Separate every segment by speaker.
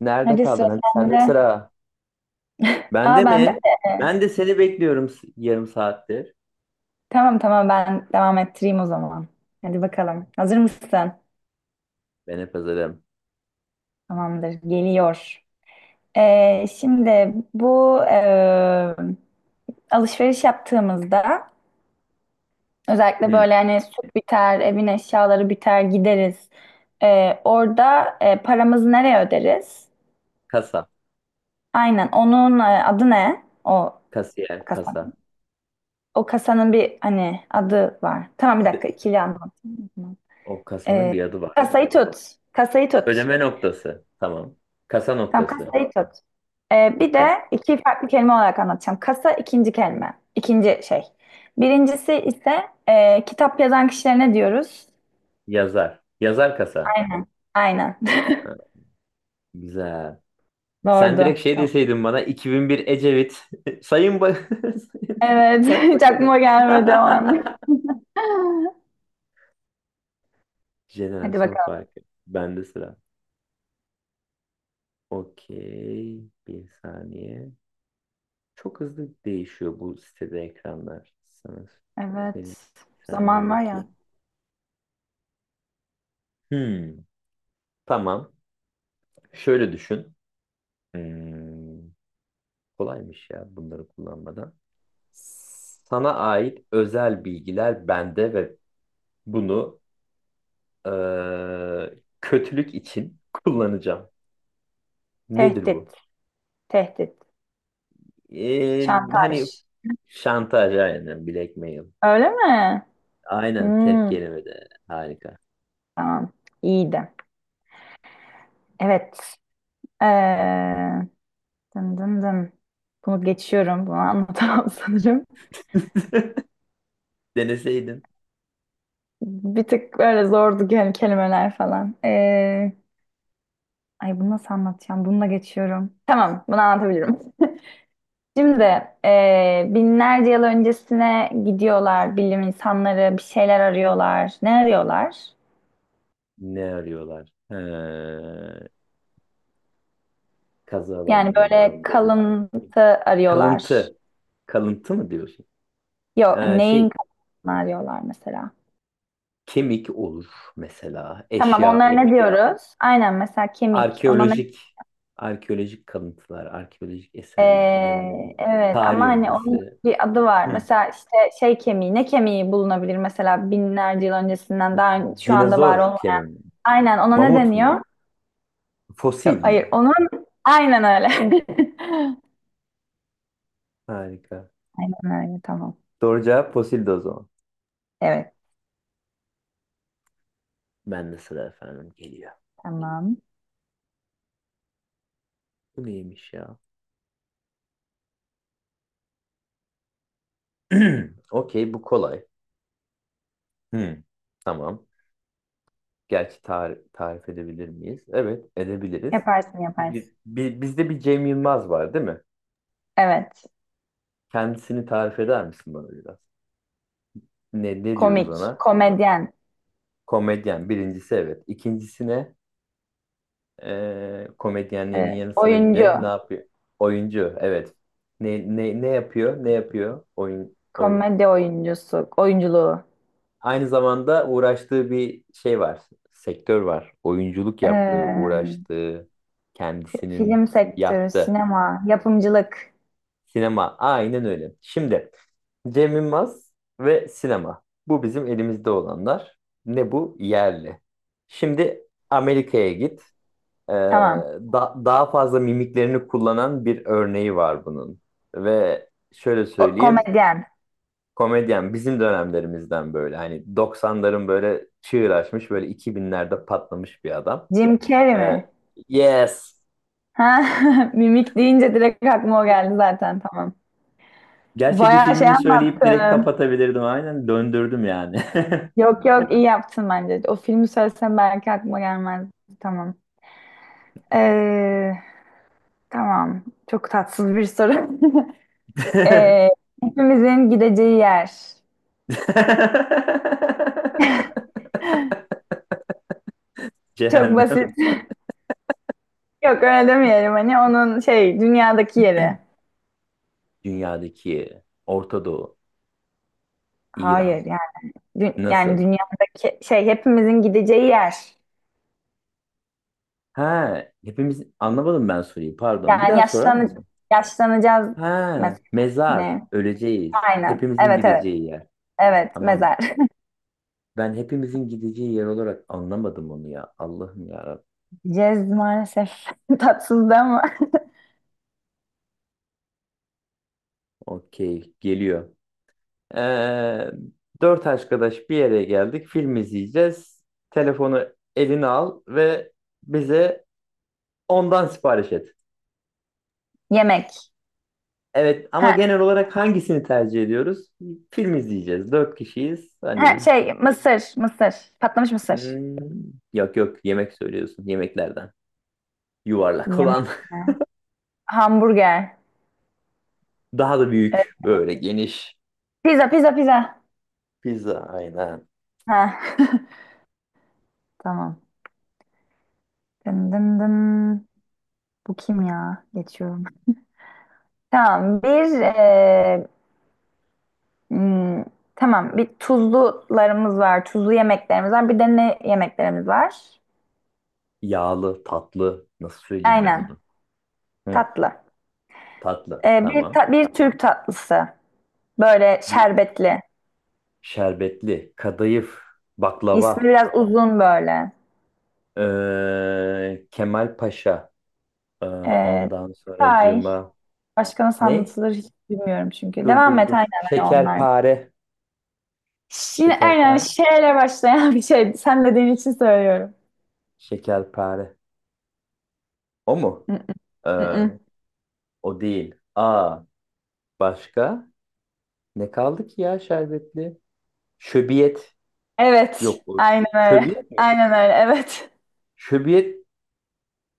Speaker 1: Nerede
Speaker 2: Hadi sıra
Speaker 1: kaldın? Hadi sende
Speaker 2: sende.
Speaker 1: sıra.
Speaker 2: Aa,
Speaker 1: Bende
Speaker 2: bende
Speaker 1: mi?
Speaker 2: mi?
Speaker 1: Ben de seni bekliyorum yarım saattir.
Speaker 2: Tamam, tamam, ben devam ettireyim o zaman. Hadi bakalım. Hazır mısın?
Speaker 1: Ben hep hazırım.
Speaker 2: Tamamdır. Geliyor. Şimdi bu alışveriş yaptığımızda özellikle
Speaker 1: Hmm.
Speaker 2: böyle hani süt biter, evin eşyaları biter, gideriz. Orada paramızı nereye öderiz?
Speaker 1: Kasa.
Speaker 2: Aynen. Onun adı ne? O
Speaker 1: Kasiyer.
Speaker 2: kasa.
Speaker 1: Kasa.
Speaker 2: O kasanın bir hani adı var. Tamam, bir dakika
Speaker 1: D-
Speaker 2: ikili anlatayım.
Speaker 1: O kasanın
Speaker 2: Ee,
Speaker 1: bir adı var.
Speaker 2: Kasayı tut. Kasayı tut.
Speaker 1: Ödeme noktası. Tamam. Kasa
Speaker 2: Tamam,
Speaker 1: noktası.
Speaker 2: kasayı tut. Bir de
Speaker 1: Tuttum.
Speaker 2: iki farklı kelime olarak anlatacağım. Kasa ikinci kelime. İkinci şey. Birincisi ise kitap yazan kişilerine diyoruz.
Speaker 1: Yazar. Yazar kasa.
Speaker 2: Aynen. Aynen.
Speaker 1: Ha, Güzel. Sen
Speaker 2: Doğru.
Speaker 1: direkt şey
Speaker 2: Tamam.
Speaker 1: deseydin bana 2001 Ecevit. Sayın, ba Sayın
Speaker 2: Evet. Hiç
Speaker 1: Başbakanım.
Speaker 2: aklıma gelmedi o an. Hadi
Speaker 1: Jenerasyon
Speaker 2: bakalım.
Speaker 1: farkı. Bende sıra. Okey. Bir saniye. Çok hızlı değişiyor bu sitede ekranlar. Sana söyleyeyim.
Speaker 2: Evet.
Speaker 1: Bir saniye
Speaker 2: Zaman var ya.
Speaker 1: bakayım. Hmm, Tamam. Şöyle düşün. Hmm, kolaymış ya bunları kullanmadan. Sana ait özel bilgiler bende ve bunu kötülük için kullanacağım. Nedir bu?
Speaker 2: Tehdit. Tehdit.
Speaker 1: Ee, hani
Speaker 2: Şantaj.
Speaker 1: şantaj, aynen blackmail.
Speaker 2: Öyle mi?
Speaker 1: Aynen tek
Speaker 2: Hmm,
Speaker 1: kelimede. Harika.
Speaker 2: tamam. İyiydi. Evet. Ee, Dın dın dın. Bunu geçiyorum. Bunu anlatamam sanırım.
Speaker 1: Deneseydin.
Speaker 2: Bir tık böyle zordu yani kelimeler falan. Ay, bunu nasıl anlatacağım? Bununla geçiyorum. Tamam, bunu anlatabilirim. Şimdi binlerce yıl öncesine gidiyorlar. Bilim insanları bir şeyler arıyorlar. Ne arıyorlar?
Speaker 1: Ne arıyorlar? He, kazı
Speaker 2: Yani
Speaker 1: alanlarında,
Speaker 2: böyle
Speaker 1: arkeolojide. Hı.
Speaker 2: kalıntı arıyorlar.
Speaker 1: Kalıntı. Kalıntı mı diyorsun?
Speaker 2: Yok,
Speaker 1: Ee, şey,
Speaker 2: neyin kalıntısını arıyorlar mesela?
Speaker 1: kemik olur mesela,
Speaker 2: Tamam,
Speaker 1: eşya
Speaker 2: onlara ne
Speaker 1: olur.
Speaker 2: diyoruz? Aynen mesela kemik. Ona ne
Speaker 1: Arkeolojik, arkeolojik kalıntılar, arkeolojik eserler ya da ne diyorum?
Speaker 2: Evet,
Speaker 1: Tarih
Speaker 2: ama hani onun
Speaker 1: öncesi.
Speaker 2: bir adı var.
Speaker 1: Hı.
Speaker 2: Mesela işte şey kemiği, ne kemiği bulunabilir mesela binlerce yıl öncesinden daha şu anda var
Speaker 1: Dinozor
Speaker 2: olmayan.
Speaker 1: kemiği mi?
Speaker 2: Aynen, ona ne
Speaker 1: Mamut mu?
Speaker 2: deniyor? Yok,
Speaker 1: Fosil
Speaker 2: hayır
Speaker 1: mi?
Speaker 2: onun aynen öyle.
Speaker 1: Harika.
Speaker 2: Aynen öyle, tamam.
Speaker 1: Doğru cevap fosildi o zaman.
Speaker 2: Evet,
Speaker 1: Ben de sıra efendim geliyor.
Speaker 2: tamam.
Speaker 1: Bu neymiş ya? Okey, bu kolay. Hı. Tamam. Gerçi tarif edebilir miyiz? Evet, edebiliriz.
Speaker 2: Yaparsın, yaparsın.
Speaker 1: Bizde bir Cem Yılmaz var, değil mi?
Speaker 2: Evet.
Speaker 1: Kendisini tarif eder misin bana biraz? Ne diyoruz
Speaker 2: Komik,
Speaker 1: ona?
Speaker 2: komedyen,
Speaker 1: Komedyen birincisi, evet. İkincisine komedyenliğinin yanı sıra bir
Speaker 2: oyuncu,
Speaker 1: de ne yapıyor? Oyuncu, evet. Ne yapıyor? Ne yapıyor? Oyun.
Speaker 2: komedi oyuncusu, oyunculuğu.
Speaker 1: Aynı zamanda uğraştığı bir şey var. Sektör var. Oyunculuk yaptığı,
Speaker 2: Ee,
Speaker 1: uğraştığı, kendisinin
Speaker 2: film sektörü,
Speaker 1: yaptığı.
Speaker 2: sinema, yapımcılık.
Speaker 1: Sinema. Aynen öyle. Şimdi Cem Yılmaz ve sinema. Bu bizim elimizde olanlar. Ne bu? Yerli. Şimdi Amerika'ya git. Ee,
Speaker 2: Tamam.
Speaker 1: daha fazla mimiklerini kullanan bir örneği var bunun. Ve şöyle
Speaker 2: O,
Speaker 1: söyleyeyim.
Speaker 2: komedyen.
Speaker 1: Komedyen bizim dönemlerimizden böyle. Hani doksanların böyle çığır açmış. Böyle iki binlerde patlamış bir adam.
Speaker 2: Jim Carrey
Speaker 1: Ee,
Speaker 2: mi?
Speaker 1: yes.
Speaker 2: Ha, mimik deyince direkt aklıma o geldi zaten, tamam.
Speaker 1: Gerçi bir
Speaker 2: Bayağı şey
Speaker 1: filmini söyleyip direkt
Speaker 2: anlattın.
Speaker 1: kapatabilirdim. Aynen döndürdüm yani.
Speaker 2: Yok yok, iyi yaptın bence. O filmi söylesem belki aklıma gelmez. Tamam. Ee, tamam. Çok tatsız bir soru. Ee, Hepimizin gideceği yer. Çok
Speaker 1: Cehennem.
Speaker 2: basit. Yok, öyle demeyelim hani onun şey dünyadaki yeri.
Speaker 1: Dünyadaki Orta Doğu, İran.
Speaker 2: Hayır, yani yani
Speaker 1: Nasıl?
Speaker 2: dünyadaki şey, hepimizin gideceği yer.
Speaker 1: Ha, hepimiz, anlamadım ben soruyu. Pardon. Bir
Speaker 2: Yani
Speaker 1: daha sorar mısın?
Speaker 2: yaşlanacağız
Speaker 1: Ha,
Speaker 2: mesela.
Speaker 1: mezar.
Speaker 2: Ne?
Speaker 1: Öleceğiz.
Speaker 2: Aynen.
Speaker 1: Hepimizin
Speaker 2: Evet, evet.
Speaker 1: gideceği yer.
Speaker 2: Evet,
Speaker 1: Tamam.
Speaker 2: mezar.
Speaker 1: Ben hepimizin gideceği yer olarak anlamadım onu ya. Allah'ım ya Rabbim.
Speaker 2: Yiyeceğiz maalesef. Tatsızdı ama.
Speaker 1: Okey. Geliyor. Ee, dört arkadaş bir yere geldik. Film izleyeceğiz. Telefonu eline al ve bize ondan sipariş et.
Speaker 2: Yemek.
Speaker 1: Evet ama
Speaker 2: Ha,
Speaker 1: genel olarak hangisini tercih ediyoruz? Film izleyeceğiz. Dört kişiyiz.
Speaker 2: ha,
Speaker 1: Hani
Speaker 2: şey mısır. Mısır. Patlamış mısır.
Speaker 1: hmm, yok yemek söylüyorsun. Yemeklerden. Yuvarlak
Speaker 2: Yemek
Speaker 1: olan.
Speaker 2: mi? Hamburger.
Speaker 1: Daha da
Speaker 2: Evet.
Speaker 1: büyük. Böyle geniş.
Speaker 2: Pizza, pizza, pizza.
Speaker 1: Pizza, aynen.
Speaker 2: Ha. Tamam. Dın dın dın. Bu kim ya? Geçiyorum. Tamam. Hmm, tamam. Bir tuzlularımız var. Tuzlu yemeklerimiz var. Bir de ne yemeklerimiz var?
Speaker 1: Yağlı, tatlı. Nasıl söyleyeyim ben
Speaker 2: Aynen,
Speaker 1: onu? Hı,
Speaker 2: tatlı.
Speaker 1: tatlı. Tamam.
Speaker 2: Bir Türk tatlısı. Böyle
Speaker 1: Bir
Speaker 2: şerbetli.
Speaker 1: şerbetli. Kadayıf.
Speaker 2: İsmi
Speaker 1: Baklava.
Speaker 2: biraz uzun böyle.
Speaker 1: Kemal Paşa.
Speaker 2: Ee,
Speaker 1: Ondan
Speaker 2: Tay.
Speaker 1: sonracığıma.
Speaker 2: Başka nasıl
Speaker 1: Ne?
Speaker 2: anlatılır hiç bilmiyorum çünkü.
Speaker 1: Dur
Speaker 2: Devam
Speaker 1: dur
Speaker 2: et
Speaker 1: dur.
Speaker 2: aynen, hani onlar.
Speaker 1: Şekerpare.
Speaker 2: Şimdi aynen
Speaker 1: Şekerpare.
Speaker 2: şeyle başlayan bir şey. Sen dediğin için söylüyorum.
Speaker 1: Şekerpare. O mu?
Speaker 2: Mm,
Speaker 1: Ee,
Speaker 2: mm.
Speaker 1: o değil. Aa, başka? Ne kaldı ki ya şerbetli? Şöbiyet.
Speaker 2: Evet.
Speaker 1: Yok.
Speaker 2: Aynen öyle.
Speaker 1: Şöbiyet mi?
Speaker 2: Aynen öyle. Evet.
Speaker 1: Şöbiyet.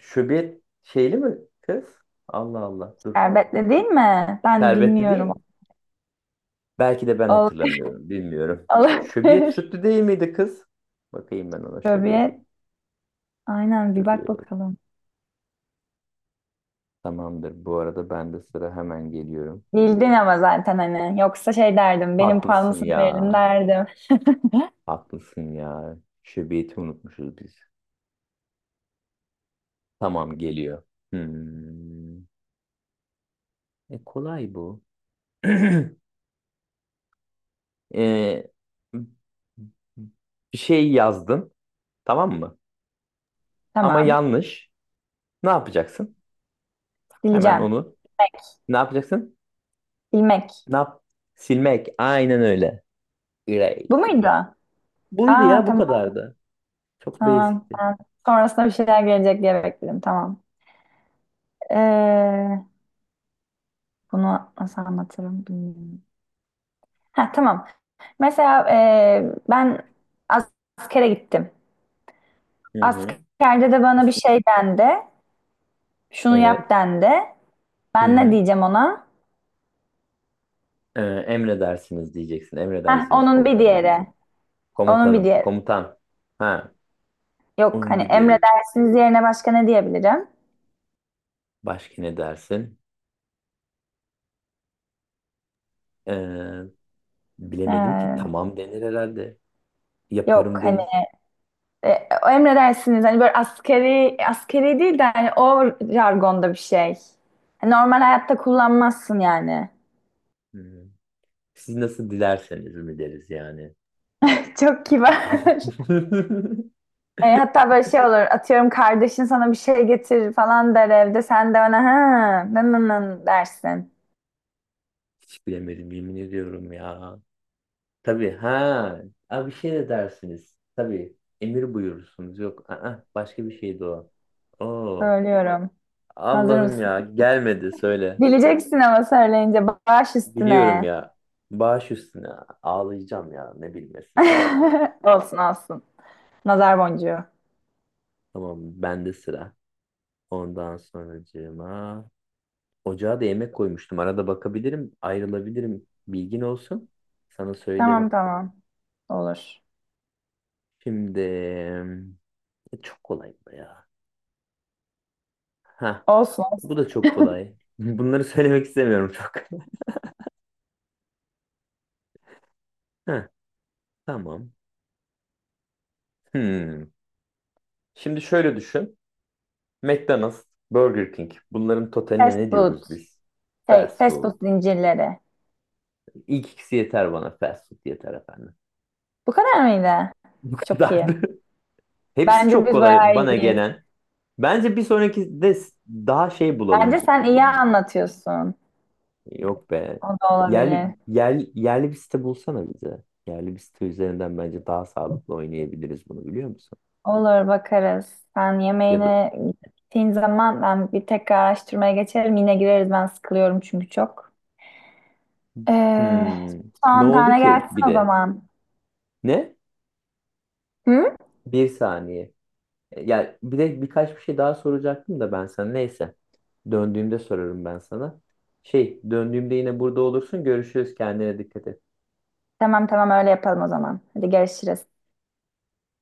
Speaker 1: Şöbiyet şeyli mi kız? Allah Allah. Dur.
Speaker 2: Şerbetli değil mi? Ben
Speaker 1: Şerbetli
Speaker 2: bilmiyorum.
Speaker 1: değil. Belki de ben
Speaker 2: Ol-
Speaker 1: hatırlamıyorum. Bilmiyorum. Şöbiyet
Speaker 2: Olabilir.
Speaker 1: sütlü değil miydi kız? Bakayım ben ona, şöbiyet.
Speaker 2: Şöbiyet. Aynen, bir bak
Speaker 1: Şöbiyet.
Speaker 2: bakalım.
Speaker 1: Tamamdır. Bu arada ben de sıra hemen geliyorum.
Speaker 2: Bildin ama zaten hani. Yoksa şey derdim. Benim
Speaker 1: Haklısın
Speaker 2: puanımsın verelim
Speaker 1: ya.
Speaker 2: derdim.
Speaker 1: Haklısın ya. Şöbiyeti unutmuşuz biz. Tamam geliyor. Hmm. Kolay bu. E, bir şey yazdın, tamam mı? Ama
Speaker 2: Tamam.
Speaker 1: yanlış. Ne yapacaksın? Hemen
Speaker 2: Sileceğim.
Speaker 1: onu.
Speaker 2: Bilmek.
Speaker 1: Ne yapacaksın?
Speaker 2: Bilmek.
Speaker 1: Ne yap? Silmek. Aynen öyle. Erase.
Speaker 2: Bu muydu?
Speaker 1: Buydu
Speaker 2: Aa,
Speaker 1: ya, bu
Speaker 2: tamam,
Speaker 1: kadardı. Çok
Speaker 2: tamam.
Speaker 1: basicti.
Speaker 2: Ben sonrasında bir şeyler gelecek diye bekledim. Tamam. Ee, bunu nasıl anlatırım bilmiyorum. Ha, tamam. Mesela ben as- askere gittim.
Speaker 1: Hı hı.
Speaker 2: Askerde de bana bir şey dendi. Şunu
Speaker 1: Evet.
Speaker 2: yap dendi.
Speaker 1: Hı
Speaker 2: Ben ne
Speaker 1: hı.
Speaker 2: diyeceğim ona?
Speaker 1: Emredersiniz diyeceksin.
Speaker 2: Heh,
Speaker 1: Emredersiniz
Speaker 2: onun bir
Speaker 1: komutanım
Speaker 2: diğeri.
Speaker 1: diyeceksin.
Speaker 2: Onun bir
Speaker 1: Komutanım.
Speaker 2: diğeri.
Speaker 1: Komutan. Ha.
Speaker 2: Yok
Speaker 1: Onun
Speaker 2: hani
Speaker 1: bir diğeri.
Speaker 2: emredersiniz yerine başka ne diyebilirim?
Speaker 1: Başka ne dersin? Ee, Bilemedim ki,
Speaker 2: Ee,
Speaker 1: tamam denir herhalde.
Speaker 2: yok
Speaker 1: Yaparım
Speaker 2: hani
Speaker 1: deriz.
Speaker 2: o emredersiniz hani böyle askeri değil de hani o jargonda bir şey. Hani normal hayatta kullanmazsın yani.
Speaker 1: Hmm. Siz nasıl dilerseniz mi deriz yani.
Speaker 2: Çok kibar. E, hatta böyle şey olur, atıyorum kardeşin sana bir şey getirir falan der evde, sen de ona "ha nın nın nın" dersin.
Speaker 1: Hiç bilemedim, yemin ediyorum ya. Tabii ha. Abi bir şey de dersiniz. Tabii emir buyurursunuz. Yok aa, başka bir şeydi o. Oo.
Speaker 2: Söylüyorum. Hazır
Speaker 1: Allah'ım
Speaker 2: mısın?
Speaker 1: ya, gelmedi, söyle.
Speaker 2: Bileceksin ama, söyleyince baş
Speaker 1: Biliyorum
Speaker 2: üstüne.
Speaker 1: ya. Baş üstüne, ağlayacağım ya ne bilmesi. Aa.
Speaker 2: Olsun, olsun. Nazar boncuğu.
Speaker 1: Tamam bende sıra. Ondan sonracığıma ocağa da yemek koymuştum. Arada bakabilirim, ayrılabilirim. Bilgin olsun. Sana söylerim.
Speaker 2: Tamam, tamam. Olur.
Speaker 1: Şimdi çok kolay bu ya. Ha,
Speaker 2: Olsun.
Speaker 1: bu da çok kolay. Bunları söylemek istemiyorum çok. Ha, tamam. Hmm. Şimdi şöyle düşün. McDonald's, Burger King. Bunların totaline
Speaker 2: Fast
Speaker 1: ne
Speaker 2: food.
Speaker 1: diyoruz biz?
Speaker 2: Şey,
Speaker 1: Fast
Speaker 2: fast food
Speaker 1: food.
Speaker 2: zincirleri.
Speaker 1: İlk ikisi yeter bana. Fast food yeter efendim.
Speaker 2: Bu kadar mıydı?
Speaker 1: Bu
Speaker 2: Çok iyi.
Speaker 1: kadardı. Hepsi
Speaker 2: Bence
Speaker 1: çok
Speaker 2: biz
Speaker 1: kolay
Speaker 2: bayağı
Speaker 1: bana
Speaker 2: iyiyiz.
Speaker 1: gelen. Bence bir sonraki de daha şey
Speaker 2: Bence
Speaker 1: bulalım.
Speaker 2: sen iyi anlatıyorsun.
Speaker 1: Yok be.
Speaker 2: O da
Speaker 1: Yerli,
Speaker 2: olabilir.
Speaker 1: yerli, yerli bir site bulsana bize. Yerli bir site üzerinden bence daha sağlıklı oynayabiliriz bunu, biliyor musun?
Speaker 2: Olur, bakarız. Sen
Speaker 1: Ya da
Speaker 2: yemeğine gittiğin zaman ben bir tekrar araştırmaya geçerim. Yine gireriz. Ben sıkılıyorum çünkü çok. Ee,
Speaker 1: hmm. Ne
Speaker 2: son
Speaker 1: oldu
Speaker 2: tane
Speaker 1: ki bir
Speaker 2: gelsin o
Speaker 1: de?
Speaker 2: zaman.
Speaker 1: Ne?
Speaker 2: Hı?
Speaker 1: Bir saniye. Ya bir de birkaç bir şey daha soracaktım da ben sana. Neyse. Döndüğümde sorarım ben sana. Şey, döndüğümde yine burada olursun. Görüşürüz. Kendine dikkat et.
Speaker 2: Tamam, tamam, öyle yapalım o zaman. Hadi görüşürüz.